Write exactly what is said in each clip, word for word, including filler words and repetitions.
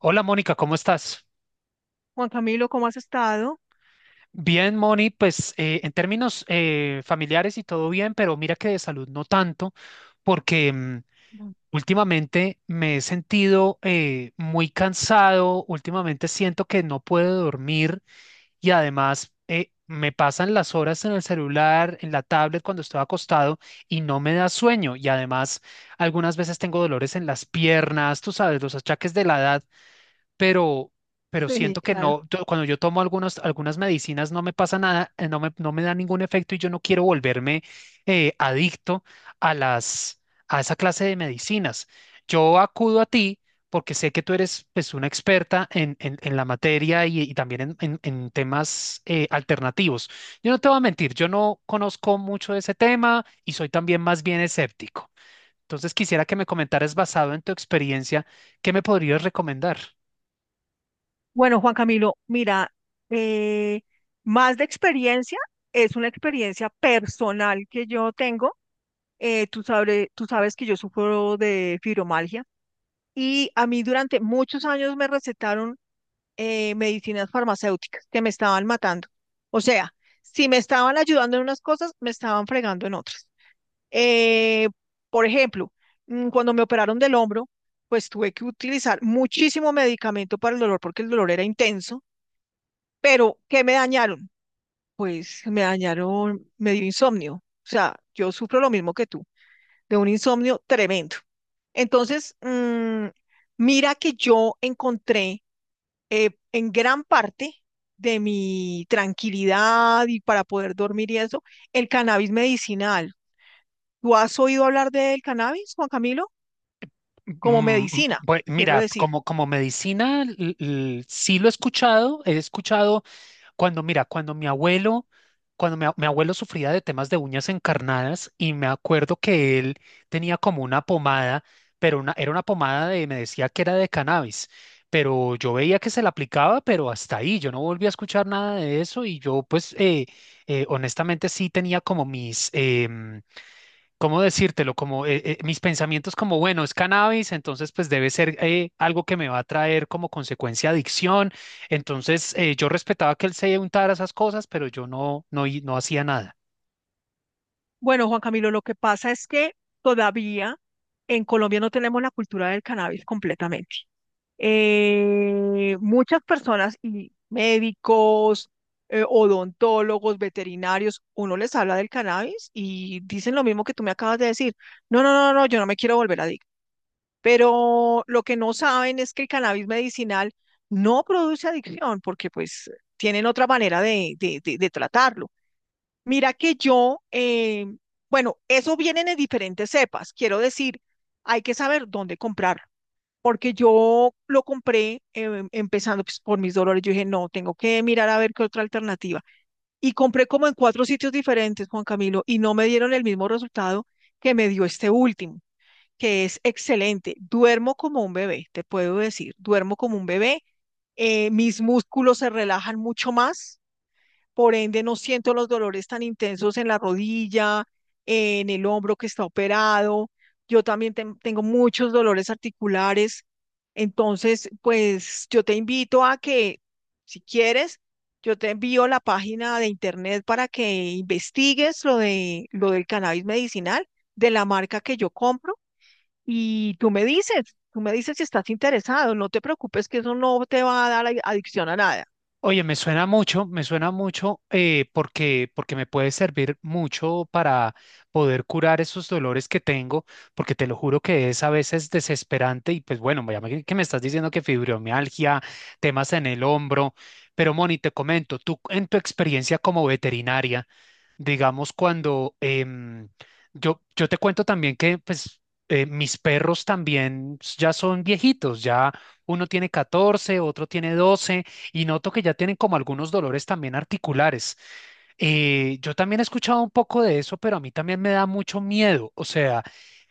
Hola Mónica, ¿cómo estás? Juan Camilo, ¿cómo has estado? Bien, Moni, pues eh, en términos eh, familiares y todo bien, pero mira que de salud no tanto, porque mm, Mm. últimamente me he sentido eh, muy cansado. Últimamente siento que no puedo dormir y además eh, me pasan las horas en el celular, en la tablet cuando estoy acostado y no me da sueño. Y además algunas veces tengo dolores en las piernas, tú sabes, los achaques de la edad, pero, pero Sí, siento que claro. no, yo- cuando yo tomo algunos, algunas medicinas no me pasa nada, eh, no me, no me da ningún efecto y yo no quiero volverme eh, adicto a las, a esa clase de medicinas. Yo acudo a ti porque sé que tú eres pues una experta en, en, en la materia y, y también en, en- en temas eh, alternativos. Yo no te voy a mentir, yo no conozco mucho de ese tema y soy también más bien escéptico. Entonces quisiera que me comentaras basado en tu experiencia, ¿qué me podrías recomendar? Bueno, Juan Camilo, mira, eh, más de experiencia, es una experiencia personal que yo tengo. Eh, tú sabre- tú sabes que yo sufro de fibromialgia y a mí durante muchos años me recetaron eh, medicinas farmacéuticas que me estaban matando. O sea, si me estaban ayudando en unas cosas, me estaban fregando en otras. Eh, por ejemplo, mm, cuando me operaron del hombro, pues tuve que utilizar muchísimo medicamento para el dolor porque el dolor era intenso, pero ¿qué me dañaron? Pues me dañaron, me dio insomnio. O sea, yo sufro lo mismo que tú, de un insomnio tremendo. Entonces, mm, mira que yo encontré eh, en gran parte de mi tranquilidad y para poder dormir y eso, el cannabis medicinal. ¿Tú has oído hablar del cannabis, Juan Camilo? Como Mm. medicina, bue- quiero Mira, decir. como, como medicina, l- l- sí lo he escuchado, he escuchado cuando, mira, cuando mi abuelo, cuando mi, a- mi abuelo sufría de temas de uñas encarnadas y me acuerdo que él tenía como una pomada, pero una, era una pomada de, me decía que era de cannabis, pero yo veía que se la aplicaba, pero hasta ahí, yo no volví a escuchar nada de eso. Y yo pues eh, eh, honestamente sí tenía como mis... em, ¿cómo decírtelo? Como eh, eh, mis pensamientos como, bueno, es cannabis, entonces pues debe ser eh, algo que me va a traer como consecuencia adicción. Entonces eh, yo respetaba que él se untara esas cosas, pero yo no, no, hi- no hacía nada. Bueno, Juan Camilo, lo que pasa es que todavía en Colombia no tenemos la cultura del cannabis completamente. Eh, muchas personas y médicos, eh, odontólogos, veterinarios, uno les habla del cannabis y dicen lo mismo que tú me acabas de decir. No, no, no, no, no, yo no me quiero volver adicto. Pero lo que no saben es que el cannabis medicinal no produce adicción porque pues tienen otra manera de, de, de- de tratarlo. Mira que yo, eh, bueno, eso viene en diferentes cepas. Quiero decir, hay que saber dónde comprar porque yo lo compré em, empezando pues, por mis dolores. Yo dije, no, tengo que mirar a ver qué otra alternativa. Y compré como en cuatro sitios diferentes, Juan Camilo, y no me dieron el mismo resultado que me dio este último, que es excelente. Duermo como un bebé, te puedo decir, duermo como un bebé. Eh, mis músculos se relajan mucho más, por ende, no siento los dolores tan intensos en la rodilla, en el hombro que está operado. Yo también ten- tengo muchos dolores articulares. Entonces, pues yo te invito a que, si quieres, yo te envío la página de internet para que investigues lo de lo del cannabis medicinal de la marca que yo compro y tú me dices, tú me dices si estás interesado. No te preocupes que eso no te va a dar adicción a nada. Oye, me suena mucho, me suena mucho eh, porque, porque me puede servir mucho para poder curar esos dolores que tengo, porque te lo juro que es a veces desesperante. Y pues bueno, ya me- que me estás diciendo que fibromialgia, temas en el hombro, pero Moni, te comento, tú en tu experiencia como veterinaria, digamos, cuando em, yo, yo te cuento también que pues, eh, mis perros también ya son viejitos. Ya uno tiene catorce, otro tiene doce y noto que ya tienen como algunos dolores también articulares. Eh, yo también he escuchado un poco de eso, pero a mí también me da mucho miedo. O sea,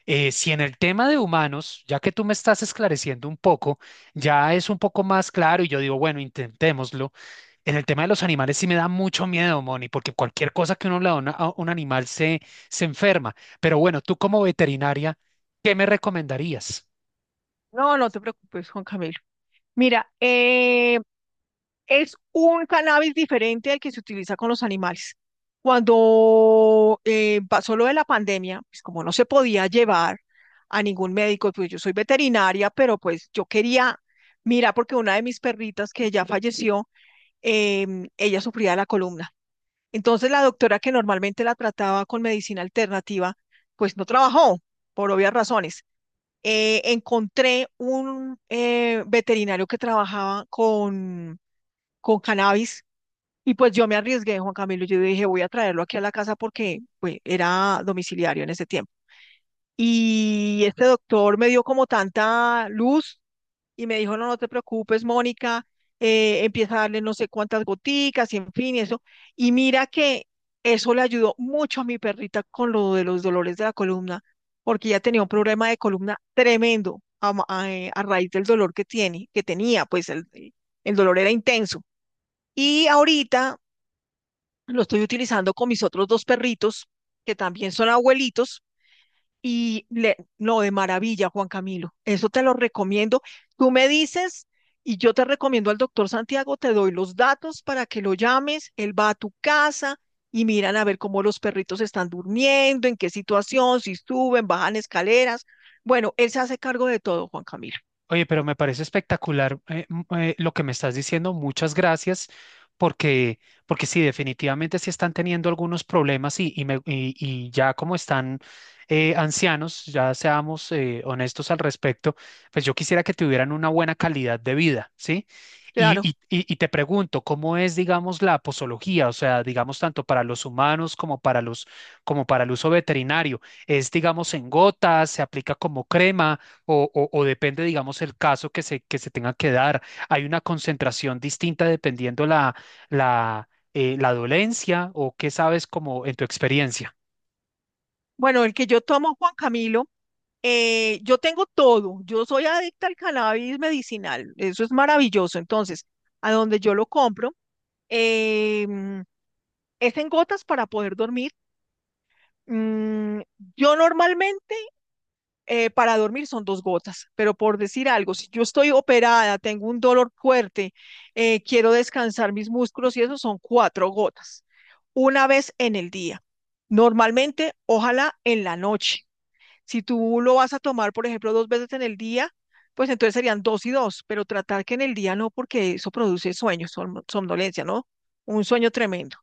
eh, si en el tema de humanos, ya que tú me estás esclareciendo un poco, ya es un poco más claro y yo digo, bueno, intentémoslo. En el tema de los animales sí me da mucho miedo, Moni, porque cualquier cosa que uno le da a una- a un animal se, se enferma. Pero bueno, tú como veterinaria, ¿qué me recomendarías? No, no te preocupes, Juan Camilo. Mira, eh, es un cannabis diferente al que se utiliza con los animales. Cuando eh, pasó lo de la pandemia, pues como no se podía llevar a ningún médico, pues yo soy veterinaria, pero pues yo quería, mira, porque una de mis perritas que ya falleció, em, ella sufría de la columna. Entonces la doctora que normalmente la trataba con medicina alternativa, pues no trabajó por obvias razones. Eh, encontré un eh, veterinario que trabajaba con, con cannabis y pues yo me arriesgué, Juan Camilo, yo dije, voy a traerlo aquí a la casa porque pues, era domiciliario en ese tiempo. Y este doctor me dio como tanta luz y me dijo, no, no te preocupes, Mónica, eh, empieza a darle no sé cuántas goticas y en fin, y eso. Y mira que eso le ayudó mucho a mi perrita con lo de los dolores de la columna, porque ella tenía un problema de columna tremendo a, ma- a, eh, a raíz del dolor que tiene, que tenía, pues el, el el dolor era intenso. Y ahorita lo estoy utilizando con mis otros dos perritos, que también son abuelitos y le, no, de maravilla, Juan Camilo. Eso te lo recomiendo. Tú me dices y yo te recomiendo al doctor Santiago, te doy los datos para que lo llames, él va a tu casa y miran a ver cómo los perritos están durmiendo, en qué situación, si suben, bajan escaleras. Bueno, él se hace cargo de todo, Juan Camilo. Oye, pero me parece espectacular eh, m- eh, lo que me estás diciendo. Muchas gracias, porque, porque sí, definitivamente sí están teniendo algunos problemas, y, y, me- y- y ya como están eh, ancianos, ya seamos eh, honestos al respecto, pues yo quisiera que tuvieran una buena calidad de vida, ¿sí? Y, Claro. Y, y y te pregunto, ¿cómo es, digamos, la posología? O sea, digamos, tanto para los humanos como para los, como para el uso veterinario. ¿Es, digamos, en gotas? ¿Se aplica como crema? O, o- o depende, digamos, el caso que se, que se tenga que dar. Hay una concentración distinta dependiendo la, la, eh, la dolencia, o qué sabes como en tu experiencia. Bueno, el que yo tomo, Juan Camilo, eh, yo tengo todo. Yo soy adicta al cannabis medicinal. Eso es maravilloso. Entonces, a donde yo lo compro, em, es en gotas para poder dormir. Mm, yo normalmente eh, para dormir son dos gotas, pero por decir algo, si yo estoy operada, tengo un dolor fuerte, eh, quiero descansar mis músculos y eso son cuatro gotas, una vez en el día. Normalmente, ojalá en la noche. Si tú lo vas a tomar, por ejemplo, dos veces en el día, pues entonces serían dos y dos, pero tratar que en el día no, porque eso produce sueños, som- somnolencia, ¿no? Un sueño tremendo.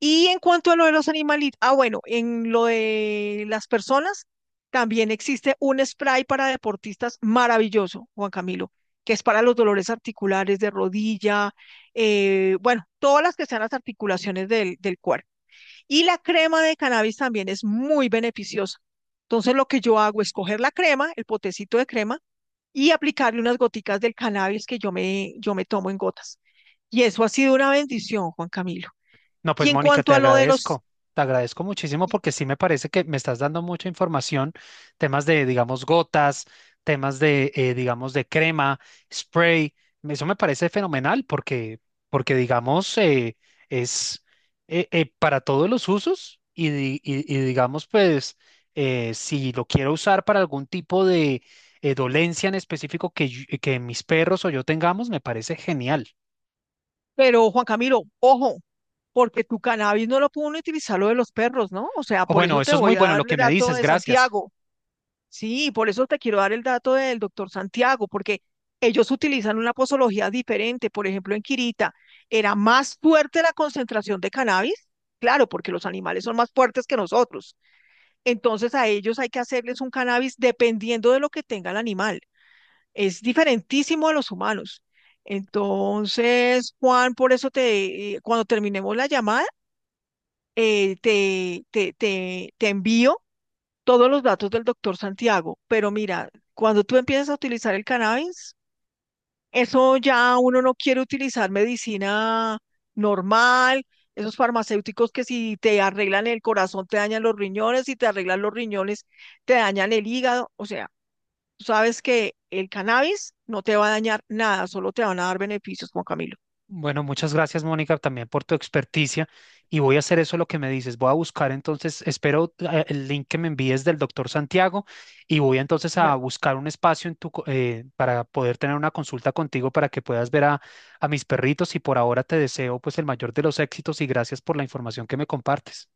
Y en cuanto a lo de los animalitos, ah, bueno, en lo de las personas, también existe un spray para deportistas maravilloso, Juan Camilo, que es para los dolores articulares de rodilla, eh, bueno, todas las que sean las articulaciones del, del cuerpo. Y la crema de cannabis también es muy beneficiosa. Entonces, lo que yo hago es coger la crema, el potecito de crema, y aplicarle unas goticas del cannabis que yo me, yo me tomo en gotas. Y eso ha sido una bendición, Juan Camilo. No, Y pues en Mónica, cuanto te a lo de los agradezco. Te agradezco muchísimo, y- porque sí me parece que me estás dando mucha información, temas de, digamos, gotas, temas de, eh, digamos, de crema, spray. Eso me parece fenomenal, porque, porque digamos, eh, es eh, eh, para todos los usos. Y, di- y- y digamos, pues, eh, si lo quiero usar para algún tipo de eh, dolencia en específico que, yo- que mis perros o yo tengamos, me parece genial. Pero Juan Camilo, ojo, porque tu cannabis no lo pueden utilizar lo de los perros, ¿no? O sea, O por bueno, eso te eso es voy muy a bueno lo dar el que me dato dices. de Gracias. Santiago. Sí, por eso te quiero dar el dato del doctor Santiago, porque ellos utilizan una posología diferente. Por ejemplo, en Quirita era más fuerte la concentración de cannabis, claro, porque los animales son más fuertes que nosotros. Entonces a ellos hay que hacerles un cannabis dependiendo de lo que tenga el animal. Es diferentísimo a los humanos. Entonces, Juan, por eso te, eh, cuando terminemos la llamada, eh, te, te, te, te envío todos los datos del doctor Santiago. Pero mira, cuando tú empiezas a utilizar el cannabis, eso ya uno no quiere utilizar medicina normal, esos farmacéuticos que si te arreglan el corazón te dañan los riñones, si te arreglan los riñones te dañan el hígado, o sea. Tú sabes que el cannabis no te va a dañar nada, solo te van a dar beneficios, Juan Camilo. Bueno, muchas gracias, Mónica, también por tu experticia. Y voy a hacer eso lo que me dices. Voy a buscar entonces, espero eh, el link que me envíes del doctor Santiago. Y voy entonces a Señor. buscar un espacio en tu, co- eh, para poder tener una consulta contigo para que puedas ver a, a mis perritos. Y por ahora te deseo pues el mayor de los éxitos y gracias por la información que me compartes.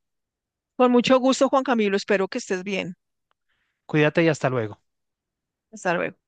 Con mucho gusto, Juan Camilo. Espero que estés bien. Cuídate y hasta luego. Hasta luego.